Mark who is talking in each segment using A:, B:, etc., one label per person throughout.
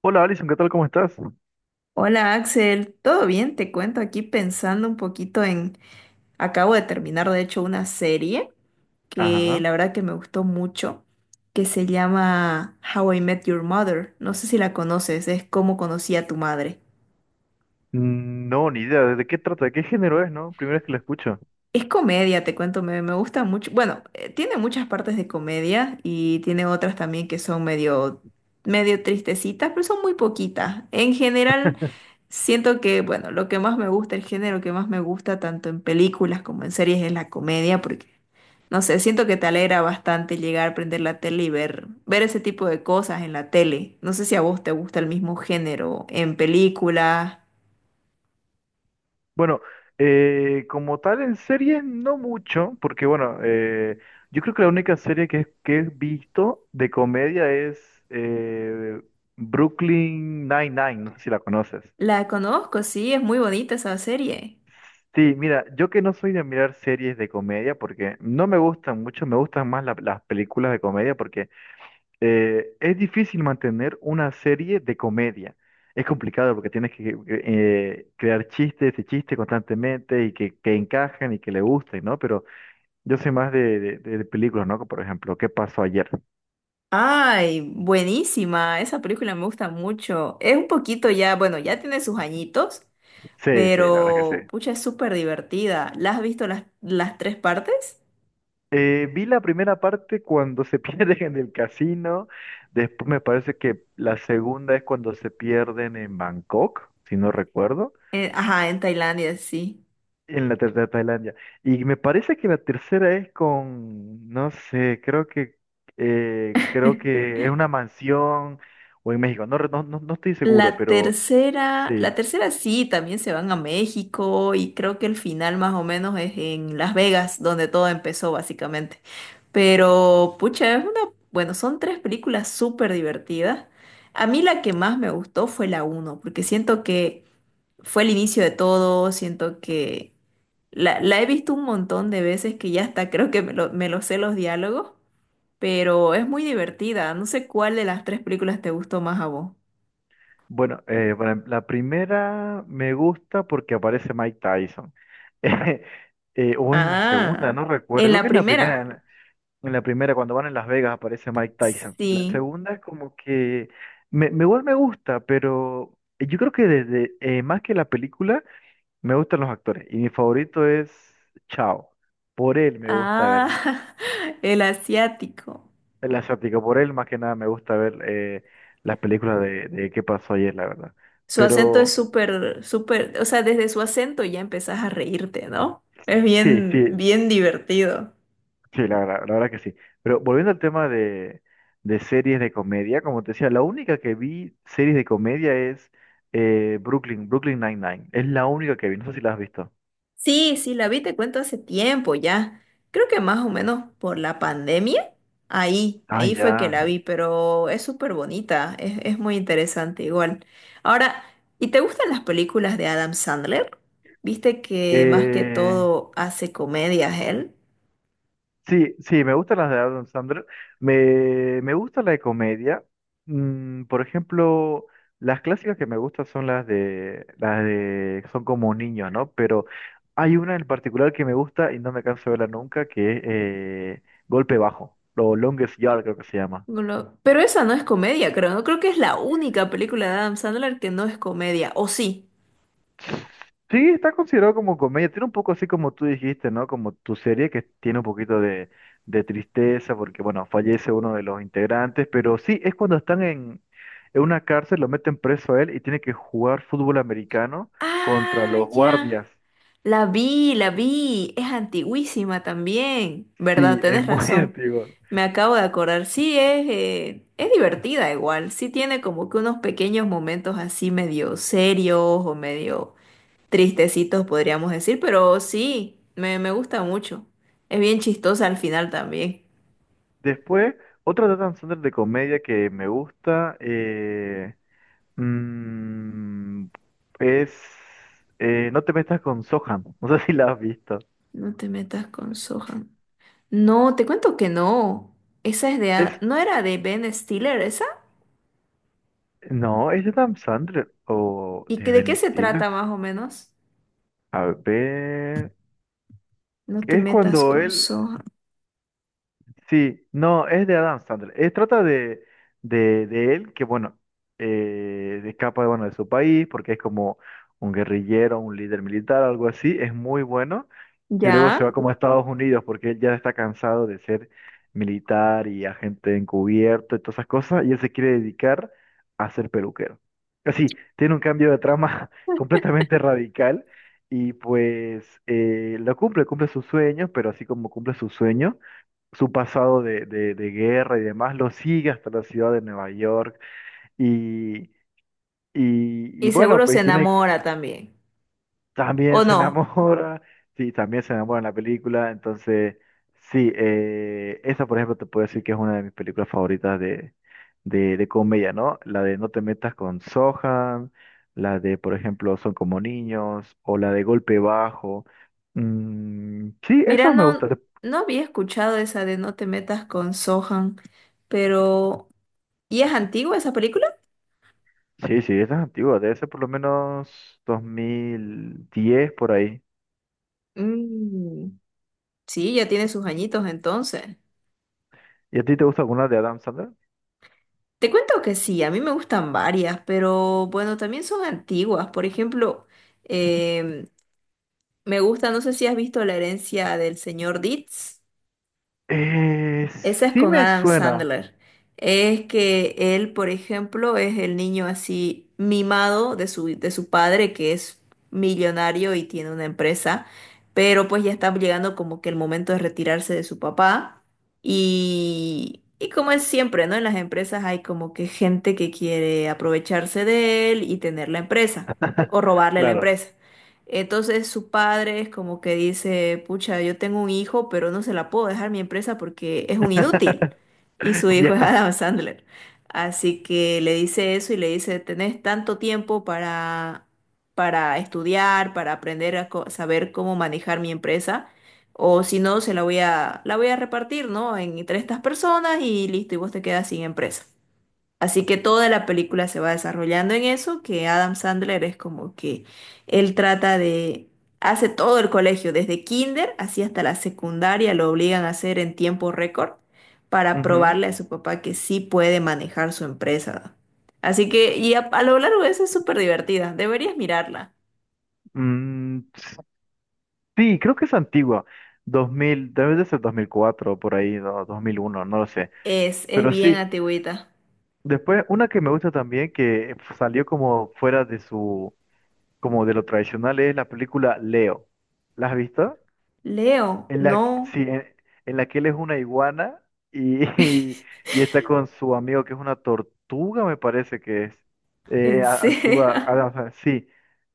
A: Hola Alison, ¿qué tal? ¿Cómo estás?
B: Hola Axel, ¿todo bien? Te cuento aquí pensando un poquito en... Acabo de terminar de hecho una serie que
A: Ajá.
B: la verdad que me gustó mucho, que se llama How I Met Your Mother. No sé si la conoces, es Cómo conocí a tu madre.
A: No, ni idea. ¿De qué trata? ¿De qué género es, no? Primera vez que la escucho.
B: Es comedia, te cuento, me gusta mucho. Bueno, tiene muchas partes de comedia y tiene otras también que son medio, medio tristecitas, pero son muy poquitas. En general, siento que, bueno, lo que más me gusta, el género que más me gusta, tanto en películas como en series, es la comedia, porque, no sé, siento que te alegra bastante llegar a prender la tele y ver ese tipo de cosas en la tele. No sé si a vos te gusta el mismo género en películas.
A: Bueno, como tal en series no mucho, porque yo creo que la única serie que he visto de comedia es eh, Brooklyn Nine-Nine, no sé si la conoces.
B: La conozco, sí, es muy bonita esa serie.
A: Sí, mira, yo que no soy de mirar series de comedia porque no me gustan mucho, me gustan más las películas de comedia porque es difícil mantener una serie de comedia. Es complicado porque tienes que crear chistes y chistes constantemente y que encajen y que le gusten, ¿no? Pero yo soy más de películas, ¿no? Por ejemplo, ¿Qué pasó ayer?
B: Ay, buenísima. Esa película me gusta mucho. Es un poquito ya, bueno, ya tiene sus añitos,
A: Sí, sí, la verdad que
B: pero
A: sí.
B: pucha, es súper divertida. ¿La has visto las tres partes?
A: Vi la primera parte cuando se pierden en el casino. Después me parece que la segunda es cuando se pierden en Bangkok, si no recuerdo.
B: Ajá, en Tailandia, sí.
A: En la tercera Tailandia. Y me parece que la tercera es con, no sé, creo que es una mansión o en México. No, no, no estoy seguro,
B: La
A: pero
B: tercera,
A: sí.
B: la tercera sí, también se van a México y creo que el final más o menos es en Las Vegas, donde todo empezó básicamente. Pero, pucha, es una, bueno, son tres películas súper divertidas. A mí la que más me gustó fue la uno, porque siento que fue el inicio de todo, siento que la he visto un montón de veces que ya hasta creo que me lo sé los diálogos, pero es muy divertida. No sé cuál de las tres películas te gustó más a vos.
A: Bueno, la primera me gusta porque aparece Mike Tyson. O en la segunda,
B: Ah,
A: no recuerdo.
B: en
A: Creo
B: la
A: que es la primera. En
B: primera.
A: la en la primera, cuando van en Las Vegas, aparece Mike Tyson. La
B: Sí.
A: segunda es como que me igual me gusta, pero yo creo que desde más que la película. Me gustan los actores y mi favorito es Chao. Por él me gusta ver
B: Ah, el asiático.
A: el asiático, por él más que nada me gusta ver las películas de qué pasó ayer, la verdad.
B: Su acento es
A: Pero
B: súper, súper, o sea, desde su acento ya empezás a reírte, ¿no? Es
A: sí,
B: bien,
A: sí,
B: bien divertido.
A: sí, la verdad que sí. Pero volviendo al tema de series de comedia, como te decía, la única que vi series de comedia es Brooklyn Nine-Nine. Es la única que vi, no sé si la has visto.
B: Sí, sí, la vi, te cuento hace tiempo ya. Creo que más o menos por la pandemia. Ahí,
A: Ah,
B: ahí fue que
A: ya.
B: la vi, pero es súper bonita, es muy interesante igual. Ahora, ¿y te gustan las películas de Adam Sandler? Viste que más que
A: Eh,
B: todo hace comedias él.
A: sí, sí, me gustan las de Adam Sandler. Me gusta la de comedia. Mm, por ejemplo, las clásicas que me gustan son las de son como niños, ¿no? Pero hay una en particular que me gusta y no me canso de verla nunca, que es Golpe Bajo, o Longest Yard creo que se llama.
B: Lo- Pero esa no es comedia, creo, ¿no? Creo que es la única película de Adam Sandler que no es comedia, ¿o sí?
A: Sí, está considerado como comedia. Tiene un poco así como tú dijiste, ¿no? Como tu serie que tiene un poquito de tristeza porque, bueno, fallece uno de los integrantes, pero sí, es cuando están en una cárcel, lo meten preso a él y tiene que jugar fútbol americano contra
B: Ah,
A: los guardias.
B: ya. La vi, es antiguísima también, ¿verdad?
A: Sí, es
B: Tenés
A: muy
B: razón,
A: antiguo.
B: me acabo de acordar, sí, es divertida igual, sí tiene como que unos pequeños momentos así medio serios o medio tristecitos podríamos decir, pero sí, me gusta mucho, es bien chistosa al final también.
A: Después, otra de Adam Sandler de comedia que me gusta mm, es No te metas con Sohan. No sé si la has visto.
B: No te metas con Sohan. No, te cuento que no, esa es de, a-
A: Es
B: ¿no era de Ben Stiller esa?
A: no, es de Adam Sandler o
B: ¿Y que-
A: de
B: de qué
A: Ben
B: se trata
A: Stiller.
B: más o menos?
A: A ver.
B: No te
A: Es
B: metas
A: cuando
B: con
A: él.
B: Sohan.
A: Sí, no, es de Adam Sandler. Es trata de, de él que, bueno, escapa bueno, de su país porque es como un guerrillero, un líder militar, algo así. Es muy bueno. Y luego se
B: Ya,
A: va como a Estados Unidos porque él ya está cansado de ser militar y agente encubierto y todas esas cosas, y él se quiere dedicar a ser peluquero. Así, tiene un cambio de trama completamente radical y pues lo cumple, cumple sus sueños, pero así como cumple sus sueños, su pasado de guerra y demás lo sigue hasta la ciudad de Nueva York y, y
B: y
A: bueno,
B: seguro se
A: pues tiene...
B: enamora también.
A: También
B: ¿O
A: se
B: no?
A: enamora, sí, también se enamora en la película, entonces, sí, esa por ejemplo te puedo decir que es una de mis películas favoritas de, de comedia, ¿no? La de No te metas con Sohan, la de, por ejemplo, Son como niños, o la de Golpe Bajo. Mm, sí,
B: Mira,
A: esas me
B: no,
A: gustan.
B: no había escuchado esa de No te metas con Sohan, pero ¿y es antigua esa película?
A: Sí, sí, esa es antigua, debe ser por lo menos 2010 por ahí.
B: Mm, sí, ya tiene sus añitos entonces.
A: ¿Y a ti te gusta alguna de Adam Sandler?
B: Te cuento que sí, a mí me gustan varias, pero bueno, también son antiguas. Por ejemplo, em, me gusta, no sé si has visto La herencia del señor Deeds.
A: Eh,
B: Esa es
A: sí
B: con
A: me
B: Adam
A: suena,
B: Sandler. Es que él, por ejemplo, es el niño así mimado de su padre, que es millonario y tiene una empresa, pero pues ya está llegando como que el momento de retirarse de su papá. Y como es siempre, ¿no? En las empresas hay como que gente que quiere aprovecharse de él y tener la empresa o robarle la
A: claro.
B: empresa. Entonces su padre es como que dice, pucha, yo tengo un hijo, pero no se la puedo dejar mi empresa porque es un inútil. Y su hijo es
A: Ya.
B: Adam Sandler. Así que le dice eso y le dice, tenés tanto tiempo para estudiar, para aprender a co- saber cómo manejar mi empresa. O si no, se la voy a repartir, ¿no? En, entre estas personas y listo, y vos te quedas sin empresa. Así que toda la película se va desarrollando en eso, que Adam Sandler es como que él trata de, hace todo el colegio, desde kinder así hasta la secundaria, lo obligan a hacer en tiempo récord para
A: Ujú.
B: probarle a su papá que sí puede manejar su empresa. Así que, y a lo largo de eso es súper divertida, deberías mirarla.
A: Mm, sí, creo que es antigua. Dos mil, debe de ser 2004, por ahí, no, 2001, no lo sé.
B: Es
A: Pero
B: bien
A: sí,
B: antigüita.
A: después una que me gusta también, que salió como fuera de su, como de lo tradicional, es la película Leo. ¿La has visto?
B: Leo, no,
A: Sí, en la que él es una iguana y, y, está con su amigo que es una tortuga, me parece que es.
B: en serio.
A: Actúa, ah, o sea, sí,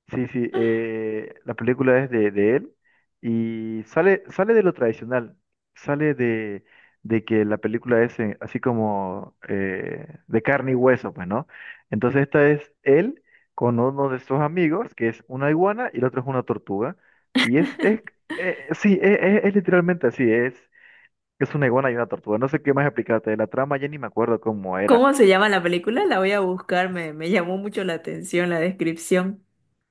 A: sí, sí. Eh, la película es de él y sale, sale de lo tradicional, sale de que la película es así como de carne y hueso, pues, ¿no? Entonces esta es él con uno de sus amigos, que es una iguana y el otro es una tortuga. Y es, es es literalmente así, es una iguana y una tortuga. No sé qué más explicarte de la trama, ya ni me acuerdo cómo era.
B: ¿Cómo se llama la película? La voy a buscar, me llamó mucho la atención la descripción.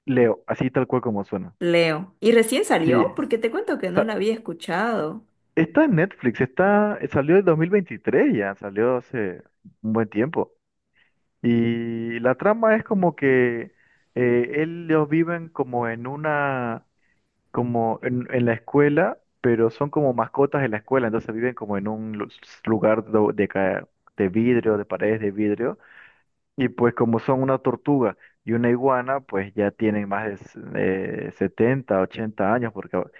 A: Leo, así tal cual como suena.
B: Leo. ¿Y recién salió?
A: Sí,
B: Porque te cuento que no
A: sa-
B: la había escuchado.
A: está en Netflix, está, salió en 2023 ya, salió hace un buen tiempo. Y la trama es como que ellos viven como en una, como en la escuela, pero son como mascotas en la escuela, entonces viven como en un lugar de vidrio, de paredes de vidrio. Y pues como son una tortuga y una iguana, pues ya tienen más de 70, 80 años, porque por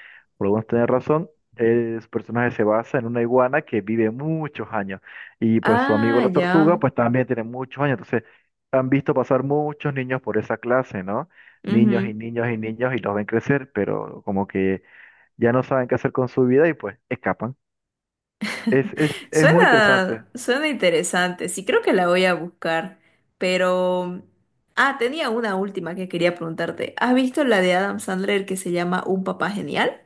A: algunos tener razón, su personaje se basa en una iguana que vive muchos años. Y pues su amigo
B: Ah,
A: la tortuga,
B: ya.
A: pues también tiene muchos años. Entonces, han visto pasar muchos niños por esa clase, ¿no? Niños y
B: Ujú.
A: niños y niños y los ven crecer, pero como que ya no saben qué hacer con su vida y pues escapan. Es muy interesante.
B: Suena, suena interesante. Sí, creo que la voy a buscar. Pero... Ah, tenía una última que quería preguntarte. ¿Has visto la de Adam Sandler que se llama Un papá genial?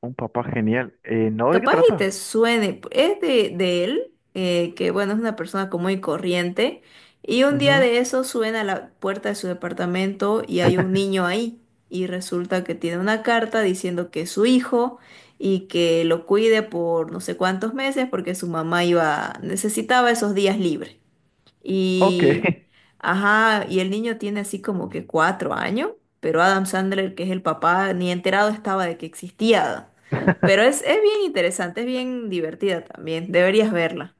A: Un papá genial. ¿No? ¿De qué
B: Capaz y
A: trata?
B: te suene, es de él, que bueno, es una persona común y corriente, y un día
A: Ujú.
B: de eso suena a la puerta de su departamento y hay un niño ahí, y resulta que tiene una carta diciendo que es su hijo y que lo cuide por no sé cuántos meses porque su mamá iba, necesitaba esos días libres.
A: Ok.
B: Y, ajá, y el niño tiene así como que 4 años, pero Adam Sandler, que es el papá, ni enterado estaba de que existía. Pero es bien interesante, es bien divertida también, deberías verla.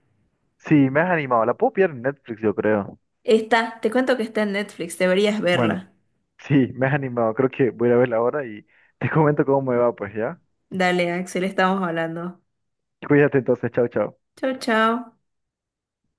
A: Sí, me has animado. La puedo pillar en Netflix, yo creo.
B: Está, te cuento que está en Netflix, deberías
A: Bueno,
B: verla.
A: sí, me has animado. Creo que voy a ir a verla ahora y te comento cómo me va, pues, ¿ya?
B: Dale, Axel, estamos hablando.
A: Cuídate entonces, chao, chao.
B: Chao, chao.